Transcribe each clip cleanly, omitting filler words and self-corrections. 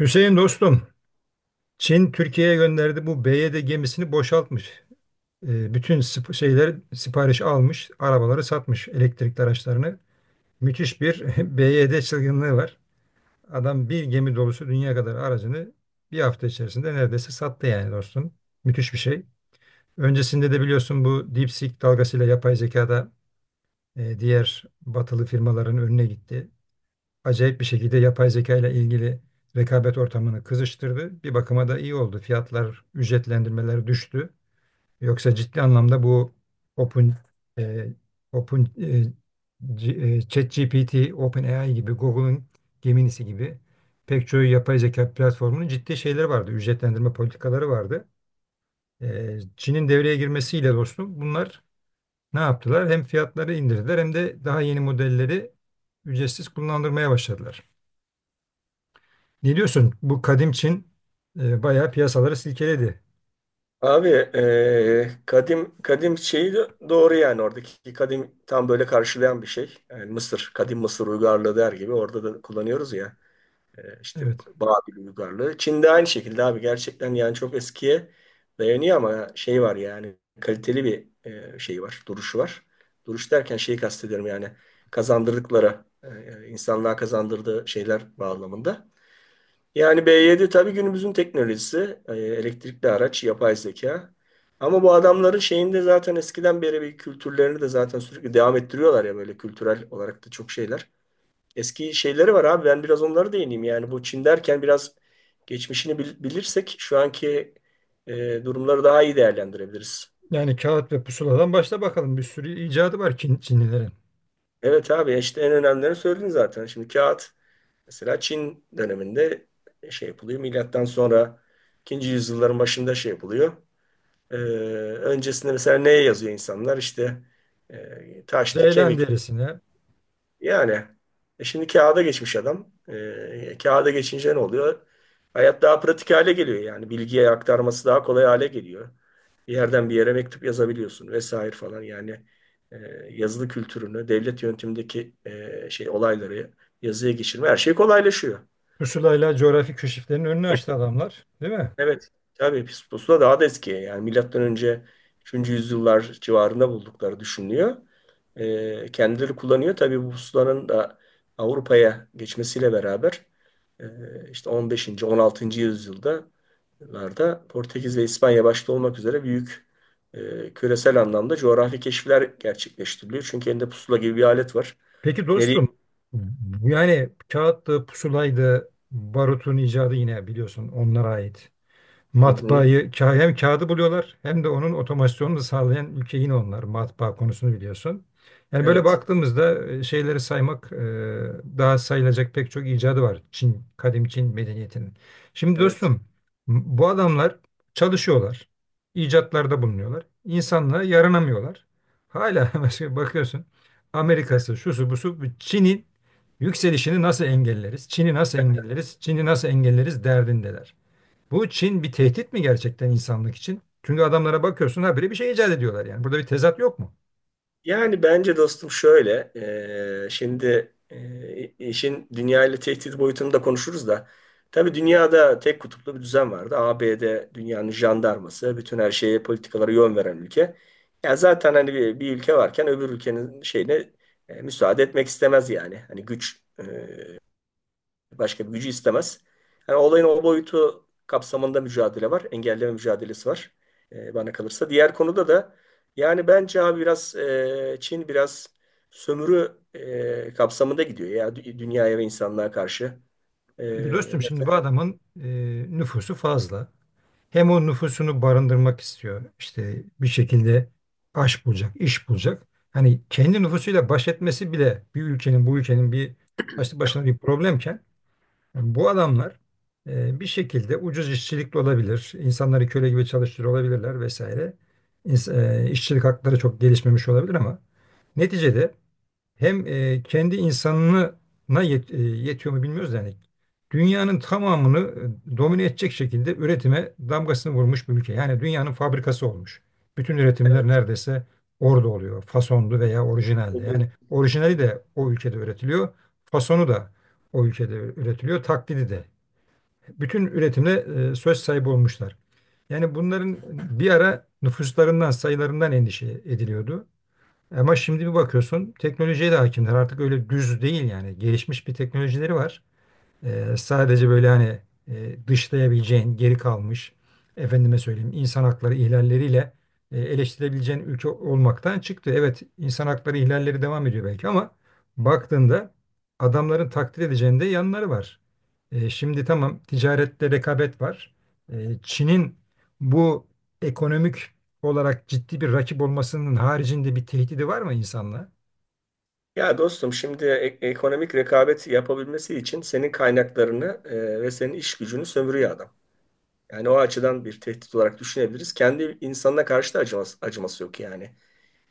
Hüseyin dostum, Çin Türkiye'ye gönderdi bu BYD gemisini boşaltmış. Bütün şeyler sipariş almış, arabaları satmış, elektrikli araçlarını. Müthiş bir BYD çılgınlığı var. Adam bir gemi dolusu dünya kadar aracını bir hafta içerisinde neredeyse sattı yani dostum. Müthiş bir şey. Öncesinde de biliyorsun bu DeepSeek dalgasıyla yapay zekada diğer batılı firmaların önüne gitti. Acayip bir şekilde yapay zeka ile ilgili rekabet ortamını kızıştırdı. Bir bakıma da iyi oldu. Fiyatlar, ücretlendirmeler düştü. Yoksa ciddi anlamda bu Open e, Open e, C- e, ChatGPT, OpenAI gibi, Google'ın Gemini'si gibi pek çoğu yapay zeka platformunun ciddi şeyleri vardı. Ücretlendirme politikaları vardı. Çin'in devreye girmesiyle dostum bunlar ne yaptılar? Hem fiyatları indirdiler hem de daha yeni modelleri ücretsiz kullandırmaya başladılar. Ne diyorsun? Bu kadim Çin bayağı piyasaları silkeledi. Abi kadim kadim şeyi de doğru yani. Oradaki kadim tam böyle karşılayan bir şey. Yani Mısır, kadim Mısır uygarlığı der gibi orada da kullanıyoruz ya. İşte Evet. Babil uygarlığı. Çin'de aynı şekilde abi, gerçekten yani çok eskiye dayanıyor. Ama şey var yani, kaliteli bir şey var, duruşu var. Duruş derken şeyi kastediyorum, yani kazandırdıkları, insanlığa kazandırdığı şeyler bağlamında. Yani B7 tabii günümüzün teknolojisi, elektrikli araç, yapay zeka. Ama bu adamların şeyinde zaten eskiden beri bir kültürlerini de zaten sürekli devam ettiriyorlar ya, böyle kültürel olarak da çok şeyler. Eski şeyleri var abi, ben biraz onlara değineyim. Yani bu Çin derken biraz geçmişini bilirsek şu anki durumları daha iyi değerlendirebiliriz. Yani kağıt ve pusuladan başla bakalım. Bir sürü icadı var Çin, Çinlilerin. Evet abi, işte en önemlilerini söyledin zaten. Şimdi kağıt mesela Çin döneminde şey yapılıyor. Milattan sonra ikinci yüzyılların başında şey yapılıyor. Ee, Öncesinde mesela neye yazıyor insanlar? İşte taştı, Ceylan kemik. derisine, Yani şimdi kağıda geçmiş adam. Kağıda geçince ne oluyor? Hayat daha pratik hale geliyor yani. Bilgiye aktarması daha kolay hale geliyor. Bir yerden bir yere mektup yazabiliyorsun vesaire falan. Yani e, yazılı kültürünü, devlet yönetimindeki şey olayları yazıya geçirme, her şey kolaylaşıyor. pusulayla coğrafi keşiflerin önünü açtı adamlar, değil mi? Evet. Tabii pis pusula daha da eski. Yani milattan önce 3. yüzyıllar civarında buldukları düşünülüyor. Kendileri kullanıyor. Tabii bu pusulanın da Avrupa'ya geçmesiyle beraber e, işte 15. 16. yüzyılda larda Portekiz ve İspanya başta olmak üzere büyük küresel anlamda coğrafi keşifler gerçekleştiriliyor. Çünkü elinde pusula gibi bir alet var. Peki Nereye? dostum, bu yani kağıttı, pusulaydı, barutun icadı yine biliyorsun onlara ait. Hı hı. Hem kağıdı buluyorlar hem de onun otomasyonunu sağlayan ülke yine onlar, matbaa konusunu biliyorsun. Yani böyle Evet. baktığımızda şeyleri saymak, daha sayılacak pek çok icadı var Çin, kadim Çin medeniyetinin. Şimdi Evet. dostum bu adamlar çalışıyorlar, icatlarda bulunuyorlar, insanlığa yaranamıyorlar. Hala mesela bakıyorsun Amerika'sı, şusu busu bu Çin'in yükselişini nasıl engelleriz, Çin'i nasıl engelleriz, Çin'i nasıl engelleriz derdindeler. Bu Çin bir tehdit mi gerçekten insanlık için? Çünkü adamlara bakıyorsun habire bir şey icat ediyorlar yani. Burada bir tezat yok mu? Yani bence dostum şöyle, şimdi işin dünya ile tehdit boyutunu da konuşuruz da. Tabii dünyada tek kutuplu bir düzen vardı. ABD dünyanın jandarması, bütün her şeye, politikalara yön veren ülke. Ya zaten hani bir ülke varken öbür ülkenin şeyine müsaade etmek istemez yani. Hani güç. Başka bir gücü istemez. Yani olayın o boyutu kapsamında mücadele var. Engelleme mücadelesi var, bana kalırsa. Diğer konuda da yani bence abi biraz Çin biraz sömürü kapsamında gidiyor ya, dünyaya ve insanlığa karşı. E, Peki dostum şimdi bu Mesela, adamın nüfusu fazla. Hem o nüfusunu barındırmak istiyor. İşte bir şekilde aş bulacak, iş bulacak. Hani kendi nüfusuyla baş etmesi bile bir ülkenin, bu ülkenin bir başlı başına bir problemken, yani bu adamlar bir şekilde ucuz işçilikle olabilir, insanları köle gibi çalıştırıyor olabilirler vesaire. İns- işçilik hakları çok gelişmemiş olabilir ama neticede hem kendi insanına yetiyor mu bilmiyoruz da yani. Dünyanın tamamını domine edecek şekilde üretime damgasını vurmuş bir ülke. Yani dünyanın fabrikası olmuş. Bütün üretimler neredeyse orada oluyor. Fasonlu veya orijinalde. Yani orijinali de o ülkede üretiliyor. Fasonu da o ülkede üretiliyor. Taklidi de. Bütün üretimde söz sahibi olmuşlar. Yani bunların bir ara nüfuslarından, sayılarından endişe ediliyordu. Ama şimdi bir bakıyorsun teknolojiye de hakimler. Artık öyle düz değil yani. Gelişmiş bir teknolojileri var. Sadece böyle hani dışlayabileceğin, geri kalmış, efendime söyleyeyim insan hakları ihlalleriyle eleştirebileceğin ülke olmaktan çıktı. Evet, insan hakları ihlalleri devam ediyor belki ama baktığında adamların takdir edeceğinde yanları var. Şimdi tamam, ticarette rekabet var. Çin'in bu ekonomik olarak ciddi bir rakip olmasının haricinde bir tehdidi var mı insanlığa? ya dostum şimdi ekonomik rekabet yapabilmesi için senin kaynaklarını ve senin iş gücünü sömürüyor adam. Yani o açıdan bir tehdit olarak düşünebiliriz. Kendi insanına karşı da acıması yok yani.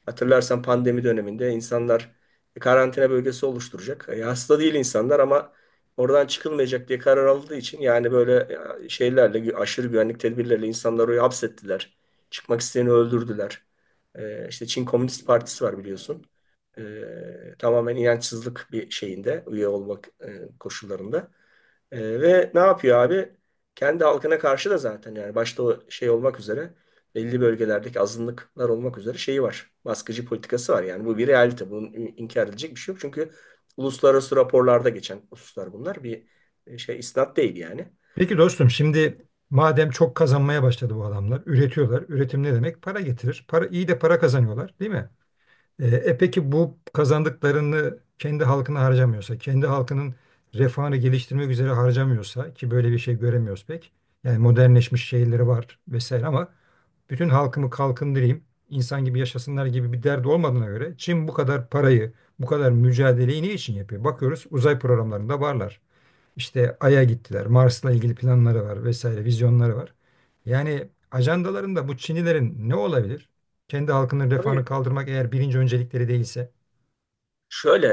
Hatırlarsan pandemi döneminde insanlar karantina bölgesi oluşturacak. E, hasta değil insanlar ama oradan çıkılmayacak diye karar aldığı için. Yani böyle şeylerle aşırı güvenlik tedbirleriyle insanları oraya hapsettiler. Çıkmak isteyeni öldürdüler. İşte Çin Komünist Partisi var biliyorsun. E, Tamamen inançsızlık bir şeyinde üye olmak koşullarında. Ve ne yapıyor abi? Kendi halkına karşı da zaten yani, başta o şey olmak üzere, belli bölgelerdeki azınlıklar olmak üzere şeyi var. Baskıcı politikası var yani, bu bir realite. Bunun inkar edilecek bir şey yok. Çünkü uluslararası raporlarda geçen hususlar bunlar. Bir şey isnat değil yani. Peki dostum şimdi madem çok kazanmaya başladı bu adamlar, üretiyorlar. Üretim ne demek? Para getirir. Para, iyi de para kazanıyorlar, değil mi? Peki bu kazandıklarını kendi halkına harcamıyorsa, kendi halkının refahını geliştirmek üzere harcamıyorsa ki böyle bir şey göremiyoruz pek. Yani modernleşmiş şehirleri var vesaire ama bütün halkımı kalkındırayım, insan gibi yaşasınlar gibi bir derdi olmadığına göre Çin bu kadar parayı, bu kadar mücadeleyi ne için yapıyor? Bakıyoruz, uzay programlarında varlar. İşte Ay'a gittiler. Mars'la ilgili planları var vesaire, vizyonları var. Yani ajandalarında bu Çinlilerin ne olabilir? Kendi halkının Tabii. refahını kaldırmak eğer birinci öncelikleri değilse. Şöyle,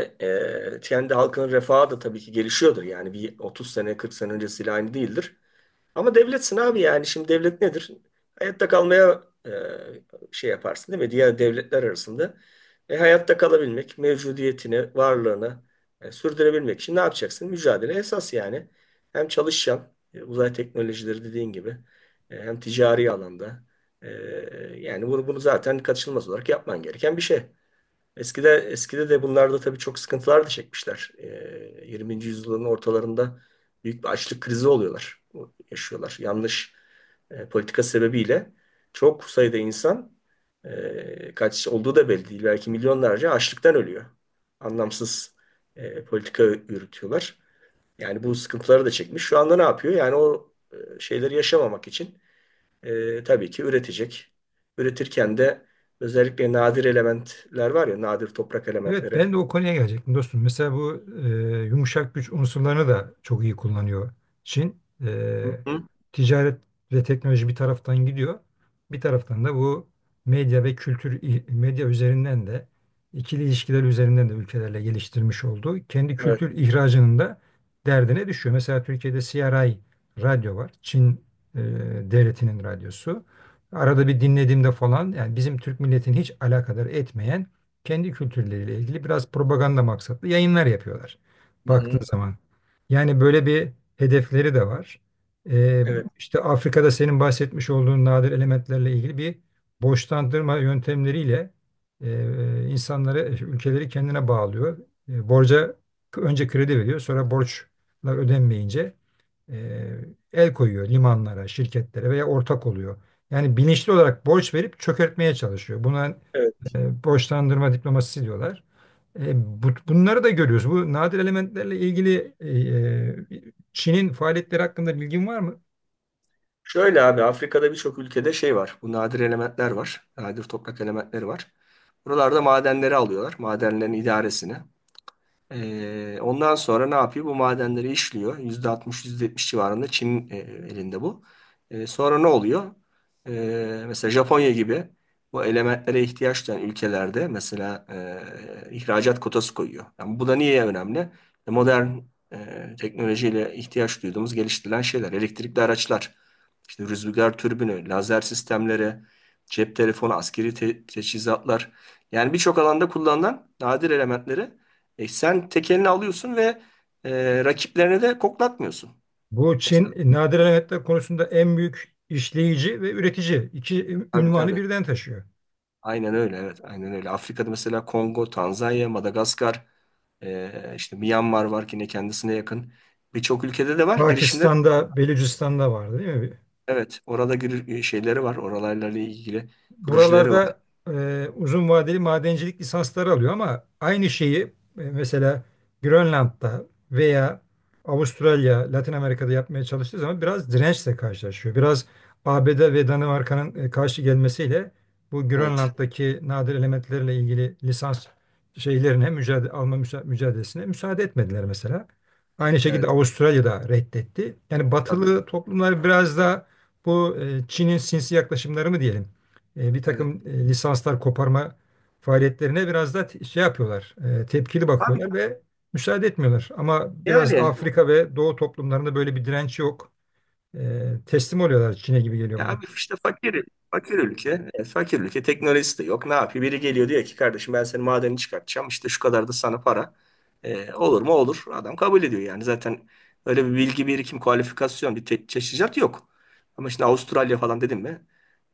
kendi halkının refahı da tabii ki gelişiyordur. Yani bir 30 sene, 40 sene öncesiyle aynı değildir. Ama devletsin abi yani. Şimdi devlet nedir? Hayatta kalmaya şey yaparsın değil mi? Diğer devletler arasında. Hayatta kalabilmek, mevcudiyetini, varlığını sürdürebilmek için ne yapacaksın? Mücadele esas yani. Hem çalışacaksın, uzay teknolojileri dediğin gibi, hem ticari alanda. E, Yani bunu zaten kaçınılmaz olarak yapman gereken bir şey. Eskide de bunlarda tabii çok sıkıntılar da çekmişler. 20. yüzyılın ortalarında büyük bir açlık krizi oluyorlar, yaşıyorlar. Yanlış politika sebebiyle çok sayıda insan, kaç olduğu da belli değil. Belki milyonlarca açlıktan ölüyor. Anlamsız politika yürütüyorlar. Yani bu sıkıntıları da çekmiş. Şu anda ne yapıyor? Yani o şeyleri yaşamamak için tabii ki üretecek. Üretirken de özellikle nadir elementler var ya, nadir toprak Evet, elementleri. ben de o konuya gelecektim dostum. Mesela bu yumuşak güç unsurlarını da çok iyi kullanıyor Çin. Hı hı. Ticaret ve teknoloji bir taraftan gidiyor. Bir taraftan da bu medya ve kültür, medya üzerinden de ikili ilişkiler üzerinden de ülkelerle geliştirmiş olduğu kendi Evet. kültür ihracının da derdine düşüyor. Mesela Türkiye'de CRI radyo var. Çin e, devletinin radyosu. Arada bir dinlediğimde falan yani bizim Türk milletini hiç alakadar etmeyen kendi kültürleriyle ilgili biraz propaganda maksatlı yayınlar yapıyorlar Hı baktığın hı. zaman. Yani böyle bir hedefleri de var. Ee, Evet. işte Afrika'da senin bahsetmiş olduğun nadir elementlerle ilgili bir borçlandırma yöntemleriyle insanları, ülkeleri kendine bağlıyor. Borca önce kredi veriyor, sonra borçlar ödenmeyince e, el koyuyor limanlara, şirketlere veya ortak oluyor. Yani bilinçli olarak borç verip çökertmeye çalışıyor. Buna Evet. Borçlandırma diplomasisi diyorlar. Bunları da görüyoruz. Bu nadir elementlerle ilgili e, Çin'in faaliyetleri hakkında bilgin var mı? Şöyle abi, Afrika'da birçok ülkede şey var. Bu nadir elementler var. Nadir toprak elementleri var. Buralarda madenleri alıyorlar. Madenlerin idaresini. Ondan sonra ne yapıyor? Bu madenleri işliyor. %60, %70 civarında Çin'in elinde bu. Sonra ne oluyor? Mesela Japonya gibi bu elementlere ihtiyaç duyan ülkelerde mesela ihracat kotası koyuyor. Yani bu da niye önemli? Modern teknolojiyle ihtiyaç duyduğumuz geliştirilen şeyler. Elektrikli araçlar, işte rüzgar türbünü, lazer sistemleri, cep telefonu, askeri teçhizatlar. Yani birçok alanda kullanılan nadir elementleri sen tekelini alıyorsun ve rakiplerine de koklatmıyorsun. Bu Mesela, Çin nadir elementler konusunda en büyük işleyici ve üretici iki tabii ünvanı tabii. birden taşıyor. Aynen öyle, evet. Aynen öyle. Afrika'da mesela Kongo, Tanzanya, Madagaskar, işte Myanmar var ki ne kendisine yakın. Birçok ülkede de var girişimler. Pakistan'da, Belucistan'da vardı değil mi? Evet. Orada şeyleri var. Oralarla ilgili projeleri var. Buralarda uzun vadeli madencilik lisansları alıyor ama aynı şeyi mesela Grönland'da veya Avustralya, Latin Amerika'da yapmaya çalıştığı zaman biraz dirençle karşılaşıyor. Biraz ABD ve Danimarka'nın karşı gelmesiyle bu Evet. Grönland'daki nadir elementlerle ilgili lisans şeylerine mücadelesine müsaade etmediler mesela. Aynı şekilde Evet. Avustralya da reddetti. Yani Tabii. batılı toplumlar biraz da bu Çin'in sinsi yaklaşımları mı diyelim, bir Evet. takım lisanslar koparma faaliyetlerine biraz da şey yapıyorlar, tepkili Abi bakıyorlar ve müsaade etmiyorlar. Ama biraz yani. Afrika ve Doğu toplumlarında böyle bir direnç yok. Teslim oluyorlar Çin'e gibi geliyor Ya bana. abi, işte fakir, fakir ülke. Fakir ülke. Teknolojisi de yok. Ne yapıyor? Biri geliyor, diyor ki kardeşim, ben senin madeni çıkartacağım. İşte şu kadar da sana para. Olur mu? Olur. Adam kabul ediyor yani. Zaten öyle bir bilgi birikim, kualifikasyon, bir teçhizat yok. Ama şimdi Avustralya falan dedim mi?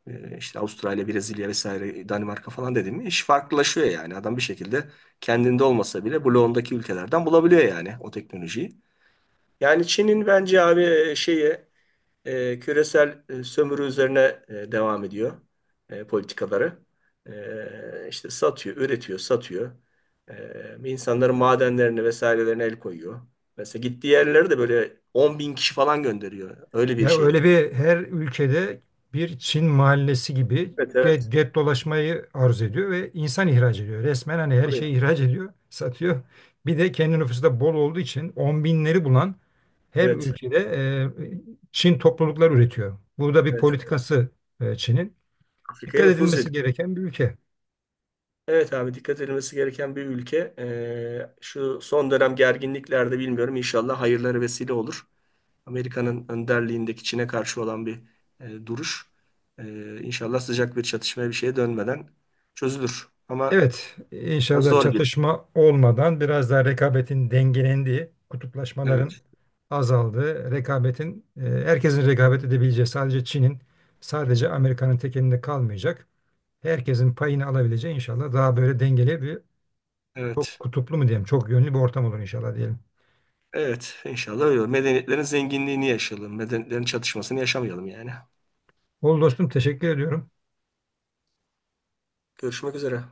İşte Avustralya, Brezilya vesaire, Danimarka falan dedim mi? İş farklılaşıyor yani. Adam bir şekilde kendinde olmasa bile bloğundaki ülkelerden bulabiliyor yani o teknolojiyi. Yani Çin'in bence abi şeyi, küresel sömürü üzerine devam ediyor politikaları. İşte satıyor, üretiyor, satıyor. İnsanların madenlerini vesairelerine el koyuyor. Mesela gittiği yerlere de böyle 10 bin kişi falan gönderiyor. Öyle bir Ya öyle şeyleri var. bir her ülkede bir Çin mahallesi gibi Evet, evet. get, get dolaşmayı arzu ediyor ve insan ihraç ediyor. Resmen hani her Tabii. şeyi ihraç ediyor, satıyor. Bir de kendi nüfusu da bol olduğu için on binleri bulan her Evet, ülkede Çin topluluklar üretiyor. Burada bir evet. politikası Çin'in. Afrika'ya Dikkat nüfuz edilmesi ediyor. gereken bir ülke. Evet abi, dikkat edilmesi gereken bir ülke. Şu son dönem gerginliklerde bilmiyorum, inşallah hayırları vesile olur. Amerika'nın önderliğindeki Çin'e karşı olan bir duruş. İnşallah sıcak bir çatışmaya bir şeye dönmeden çözülür. Ama Evet, biraz inşallah zor gibi. çatışma olmadan biraz daha rekabetin dengelendiği, kutuplaşmaların Evet, azaldığı, rekabetin herkesin rekabet edebileceği, sadece Çin'in, sadece Amerika'nın tekelinde kalmayacak. Herkesin payını alabileceği inşallah daha böyle dengeli bir çok evet. kutuplu mu diyeyim çok yönlü bir ortam olur inşallah diyelim. Evet, inşallah öyle olur. Medeniyetlerin zenginliğini yaşayalım. Medeniyetlerin çatışmasını yaşamayalım yani. Ol dostum, teşekkür ediyorum. Görüşmek üzere.